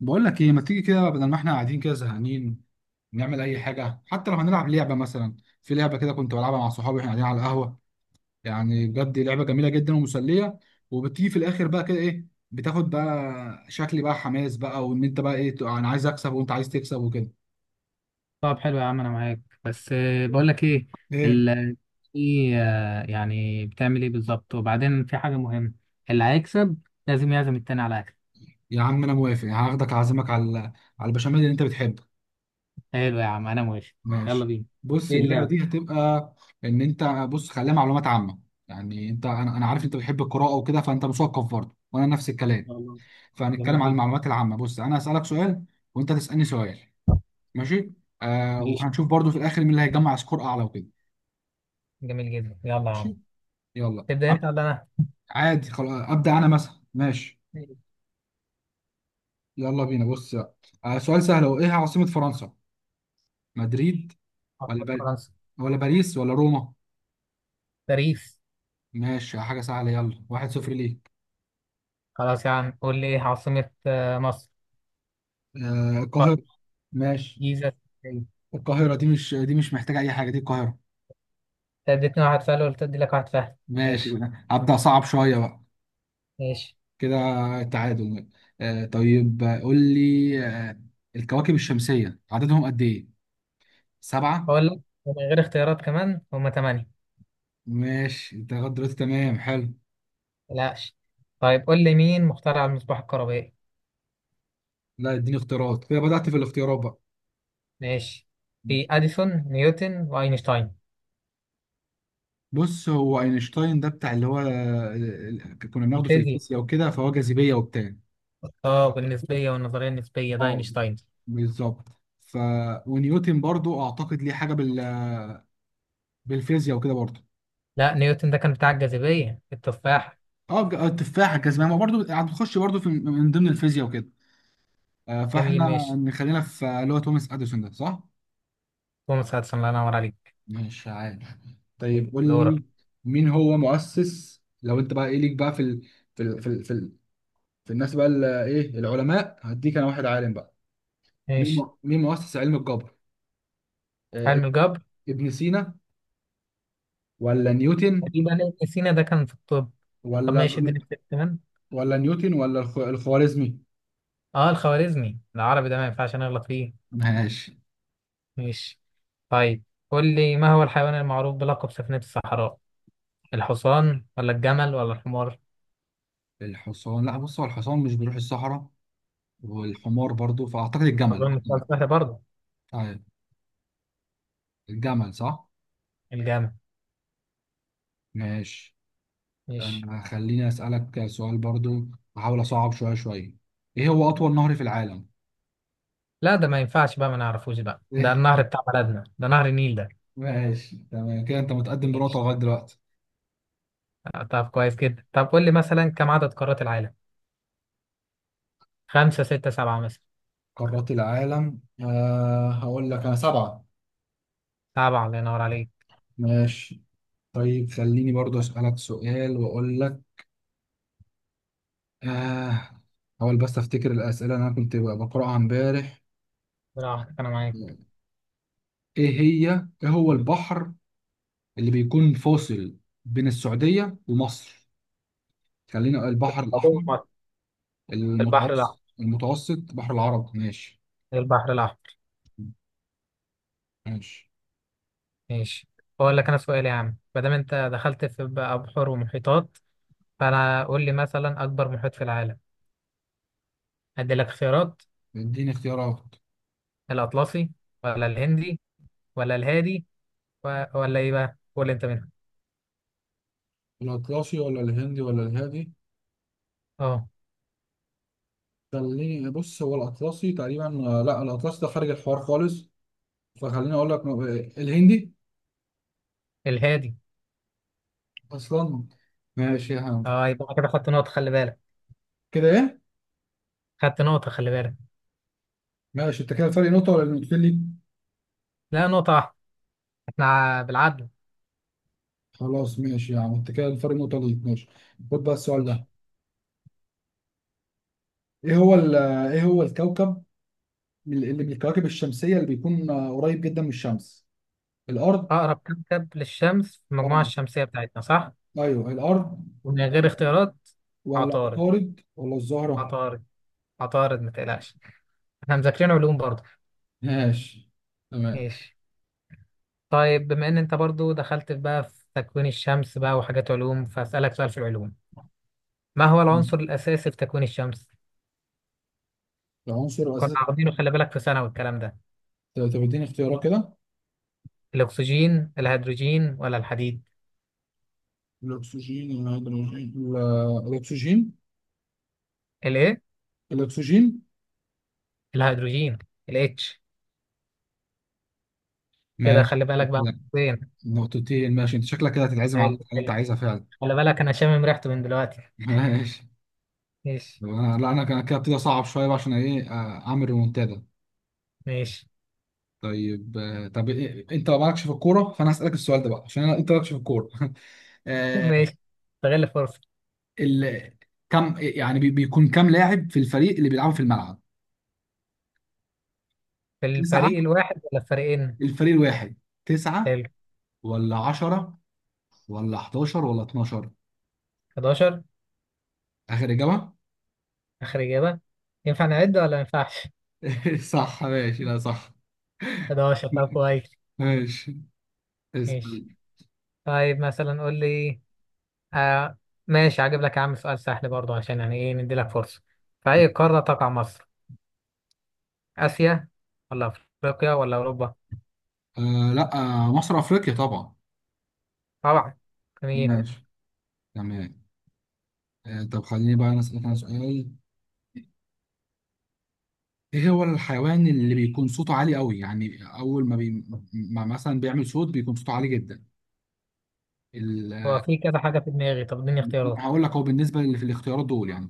بقول لك ايه، ما تيجي كده بدل ما احنا قاعدين كده زهقانين؟ نعمل اي حاجه، حتى لو هنلعب لعبه مثلا. في لعبه كده كنت بلعبها مع صحابي واحنا قاعدين على القهوه، يعني بجد لعبه جميله جدا ومسليه. وبتيجي في الاخر بقى كده ايه، بتاخد بقى شكل بقى حماس بقى، وان بقى ايه تبقى انا عايز اكسب وانت عايز تكسب وكده. طب حلو يا عم، انا معاك، بس بقول لك ايه؟ ايه ال في يعني بتعمل ايه بالظبط، وبعدين في حاجه مهمه. اللي هيكسب لازم يعزم التاني على اكل. يا عم، انا موافق، هاخدك اعزمك على البشاميل اللي انت بتحبه. حلو يا عم، انا موافق. يلا ماشي. بينا. بص ايه اللعبه اللعبه؟ دي هتبقى ان انت، بص خليها معلومات عامه. يعني انت، انا عارف انت بتحب القراءه وكده، فانت مثقف برضه وانا نفس ان الكلام. شاء الله. فهنتكلم جميل عن جدا. المعلومات العامة. بص، أنا هسألك سؤال وأنت تسألني سؤال. ماشي. آه، ماشي. وهنشوف برضو في الآخر مين اللي هيجمع سكور أعلى وكده. جميل جدا، يلا يا عم. ماشي. يلا تبدا انت أب... ولا انا؟ عادي، خلاص أبدأ أنا مثلا. ماشي، ماشي. يلا بينا. بص بقى. آه، سؤال سهل، هو إيه عاصمة فرنسا؟ مدريد ولا عاصمة بل... فرنسا؟ ولا باريس ولا روما؟ باريس. ماشي، حاجة سهلة، يلا واحد صفر ليك. خلاص يا عم، قول لي، ايه عاصمه مصر؟ آه، القاهرة. طب. ماشي. جيزه، إسكندرية. القاهرة دي مش محتاجة أي حاجة، دي القاهرة. انت اديتني واحد سؤال وقلت ادي لك واحد، فهد. ماشي، ماشي. أبدأ صعب شوية بقى ماشي. كده. تعادل. آه طيب، قول لي، الكواكب الشمسية عددهم قد إيه؟ سبعة؟ اقول لك، ومن غير اختيارات كمان، هما ثمانيه. ماشي، أنت لغاية دلوقتي تمام، حلو. متقلقش. طيب قول لي، مين مخترع المصباح الكهربائي؟ لا، اديني اختيارات كده، بدأت في الاختيارات بقى. ماشي. في اديسون، نيوتن، واينشتاين. بص، هو اينشتاين ده بتاع اللي هو كنا بناخده في الفيزياء. الفيزياء وكده، فهو جاذبية وبتاع. اه، بالنسبيه والنظريه النسبيه ده اه، اينشتاين. بالظبط. ف ونيوتن برضو اعتقد ليه حاجة بالفيزياء وكده برضو. لا، نيوتن ده كان بتاع الجاذبيه، التفاح. اه، التفاحة الجاذبية، ما برضو هتخش برضو في من ضمن الفيزياء وكده. جميل، فاحنا ماشي. نخلينا في اللي هو توماس اديسون، ده صح؟ توماس اديسون، الله ينور عليك. مش عارف. طيب، طيب قول دورك. لي، مين هو مؤسس، لو انت بقى ايه ليك بقى في في ال... في ال... في, ال... الناس بقى ال- ايه العلماء، هديك انا واحد عالم بقى. مين ماشي. مين مؤسس علم الجبر؟ آه، علم اب- الجبر؟ ابن سينا ولا نيوتن تقريبا ابن سينا ده كان في الطب. طب ولا ماشي، اديني اختيار كمان. ولا نيوتن ولا الخوارزمي؟ اه، الخوارزمي العربي ده ما ينفعش نغلط فيه. ماشي. ماشي. طيب قول لي، ما هو الحيوان المعروف بلقب سفينة الصحراء؟ الحصان ولا الجمل ولا الحمار؟ الحصان، لا، بص هو الحصان مش بيروح الصحراء، والحمار برضو، فاعتقد الجمل. اظن السؤال سهل برضه. طيب، الجمل صح؟ الجمل. ماشي. ماشي. آه، خليني أسألك سؤال برضو، أحاول أصعب شوية. إيه هو أطول نهر في العالم؟ لا، ده ما ينفعش بقى ما نعرفوش بقى، ده إيه؟ النهر بتاع بلدنا، ده نهر النيل ده. ماشي، تمام كده، أنت متقدم بنقطة ماشي. لغاية دلوقتي. طب كويس جدا، طب قول لي مثلا، كم عدد قارات العالم؟ خمسة، ستة، سبعة مثلا؟ قارات العالم، أه هقول لك أنا سبعة. سبعة، الله ينور عليك. ماشي. طيب خليني برضو أسألك سؤال وأقول لك. أه، هحاول بس أفتكر الأسئلة اللي أنا كنت بقرأها إمبارح. لا واحد، انا معاك. إيه هي، إيه هو البحر اللي بيكون فاصل بين السعودية ومصر؟ خلينا بس البحر الأحمر، الموضوع مهم. البحر الاحمر. المتوسط، بحر العرب. ماشي. البحر الاحمر. ماشي، ماشي. اقول لك انا سؤال يا عم، ما دام انت دخلت في بقى بحور ومحيطات، فانا قول لي مثلا، اكبر محيط في العالم؟ هدي لك خيارات. اديني اختيارات. الاطلسي، ولا الهندي، ولا الهادي، ولا ايه بقى؟ قول انت منها. الأطلسي ولا الهندي ولا الهادي؟ اه، خليني، بص، هو الأطلسي تقريبا، لا، الأطلسي ده خارج الحوار خالص، فخليني أقول لك الهندي الهادي. أصلا. ماشي يا عم. اه يبقى أنا كده خدت نقطة، خلي بالك. كده إيه؟ خدت نقطة، خلي بالك. ماشي، أنت كده الفرق نقطة ولا نقطتين ليك؟ لا، نقطة واحدة. احنا بالعدل. خلاص ماشي يا عم، أنت كده الفرق نقطة ليك، ماشي. خد بقى السؤال ماشي. ده. إيه هو ال- إيه هو الكوكب اللي من الكواكب الشمسية اللي بيكون قريب جدا من الشمس؟ الأرض؟ أقرب كوكب للشمس في المجموعة آه، الشمسية بتاعتنا، صح؟ ايوه الارض، ومن غير اختيارات. ولا عطارد. عطارد ولا الزهرة. عطارد. عطارد، ما تقلقش. احنا مذاكرين علوم برضه. ماشي، تمام. ماشي. طيب بما ان انت برضه دخلت بقى في تكوين الشمس بقى وحاجات علوم، فأسألك سؤال في العلوم. ما هو العنصر الأساسي في تكوين الشمس؟ العنصر كنا الاساسي، واخدينه، خلي بالك، في ثانوي الكلام ده. طب اديني اختيارات كده. الاكسجين، الهيدروجين، ولا الحديد؟ الأكسجين، الهيدروجين، الاكسجين، الايه؟ الاكسجين. الهيدروجين. الاتش. كده ماشي، خلي بالك بقى تمام. فين. نقطتين ماشي، انت شكلك كده هتتعزم على حلو. اللي انت حلو. عايزها فعلا. خلي بالك، انا شامم ريحته من دلوقتي. ماشي. ماشي. طب انا، لا كان كده ابتدي اصعب شويه بقى عشان ايه، اعمل ريمونتادا. ماشي. طيب، طب إيه؟ انت مالكش في الكوره، فانا هسالك السؤال ده بقى عشان انت مالكش في الكوره. ماشي. استغل الفرصه. ال... كم يعني بيكون كم لاعب في الفريق اللي بيلعبوا في الملعب؟ في تسعة، الفريق الواحد ولا الفريقين؟ الفريق الواحد تسعة، حلو. ولا عشرة ولا 11 ولا 12؟ 11. آخر إجابة. اخر اجابه. ينفع نعد ولا ما ينفعش؟ صح، ماشي، لا صح. 11. طب كويس. ماشي، ماشي. اسأل. طيب مثلا قول لي. آه ماشي، هجيب لك يا عم سؤال سهل برضه، عشان يعني ايه ندي لك فرصه. في اي قاره تقع مصر؟ اسيا، ولا افريقيا، ولا اوروبا؟ آه لا، آه مصر أفريقيا طبعا. طبعا. تمام. ماشي، تمام. آه طب خليني بقى أنا أسألك أنا سؤال. إيه هو الحيوان اللي بيكون صوته عالي قوي، يعني أول ما، ما مثلا بيعمل صوت بيكون صوته عالي جدا؟ ال... هو في كذا حاجة في دماغي، طب اديني اختيارات. هقول لك، هو بالنسبة اللي في الاختيارات دول يعني،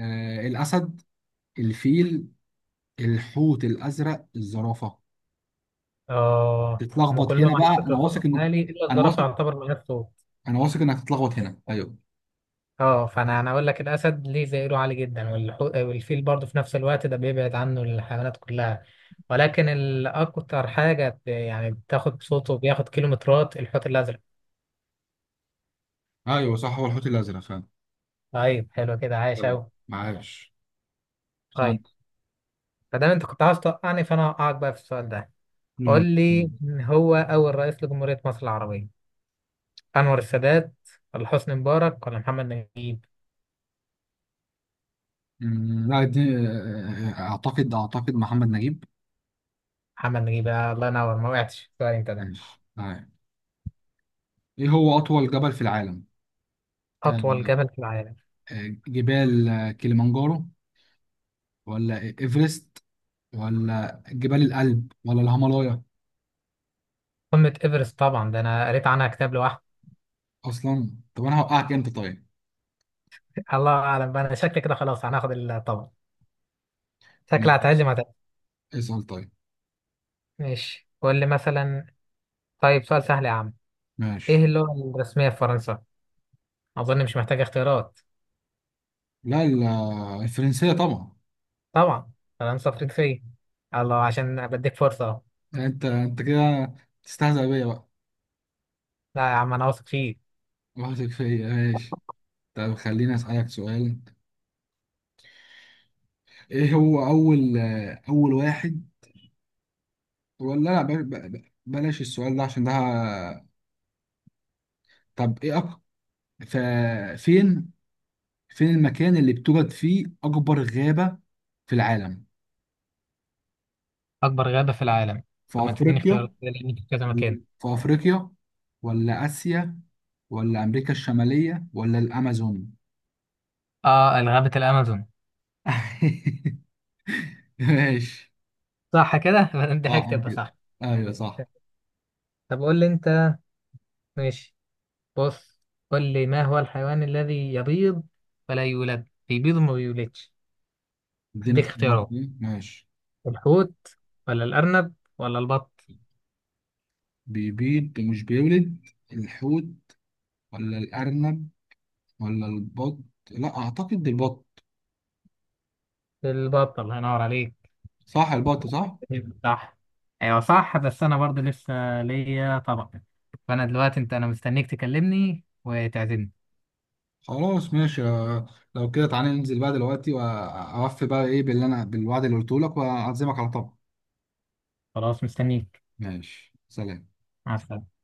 آه، الأسد، الفيل، الحوت الأزرق، الزرافة. اه، هما تتلخبط هنا كلهم على بقى، أنا فكرة صوتهم واثق إنك، عالي إلا أنا الزرافة، واثق يعتبر من غير صوت. أنا واثق إنك هتتلخبط هنا، أيوه. اه، فأنا أقول لك، الأسد ليه زئيره عالي جدا، والفيل برضه في نفس الوقت ده بيبعد عنه الحيوانات كلها. ولكن الأكتر حاجة، يعني بتاخد صوته، بياخد كيلومترات، الحوت الأزرق. ايوه صح، هو الحوت الازرق فعلا. طيب حلو كده، عايش يلا، أوي. معاش طيب. سنت. فدام أنت كنت عاوز توقعني، فأنا هوقعك بقى في السؤال ده. قول نعم. لي، من هو أول رئيس لجمهورية مصر العربية؟ أنور السادات، ولا حسني مبارك، ولا محمد نجيب؟ أمم، لا دي، آه، أعتقد، محمد نجيب. محمد نجيب. الله ينور، ما وقعتش سؤال أنت ده. ماشي، تمام. إيه هو أطول جبل في العالم؟ أطول آه، جبل في العالم؟ جبال، كليمانجارو ولا إيفرست ولا جبال الألب ولا الهيمالايا؟ قمة إيفرست طبعا، ده أنا قريت عنها كتاب لوحدي. أصلا طب أنا هوقعك أنت، طيب الله أعلم بقى، أنا شكلي كده خلاص هناخد الطبعا. شكلي هتعزم، هتعزم. اسأل. طيب ماشي، قول لي مثلا. طيب سؤال سهل يا عم. إيه ماشي. اللغة الرسمية في فرنسا؟ أظن مش محتاج اختيارات. لا ال- الفرنسية طبعا. طبعا. فرنسا فرنسية. الله، عشان بديك فرصة أهو. يعني انت كده تستهزأ بيا بقى. لا يا عم، أنا واثق فيه. واثق فيا، ماشي. طب خليني اسألك سؤال. ايه هو اول، اول واحد ولا لا ب- ب- بلاش السؤال ده عشان ده، ه- طب ايه أك... ف... فين فين المكان اللي بتوجد فيه اكبر غابة في العالم؟ أكبر غابة في العالم؟ في طب ما تديني افريقيا؟ اختيارات، لأن في كذا مكان. في افريقيا ولا اسيا ولا امريكا الشمالية ولا الامازون؟ غابة الأمازون. ماشي. صح كده. دي صح حاجة تبقى كده، صح. ايوه صح. طب قول لي انت. ماشي. بص. قول لي، ما هو الحيوان الذي يبيض ولا يولد، بيبيض وما بيولدش؟ اديني هديك اختيارات اختيارات. كده. ماشي. الحوت، ولا الأرنب، ولا البط؟ بيبيض ومش بيولد، الحوت ولا الارنب ولا البط؟ لا، اعتقد البط. البط، الله ينور عليك. صح، البط، صح. صح. ايوه صح، بس انا برضه لسه ليا طبق. فانا دلوقتي انا مستنيك تكلمني وتعزمني. خلاص ماشي، آه، لو كده تعالى ننزل بقى دلوقتي واوفي بقى ايه باللي انا، بالوعد اللي قلته لك، واعزمك على طبق. خلاص، مستنيك. ماشي، سلام. مع السلامة.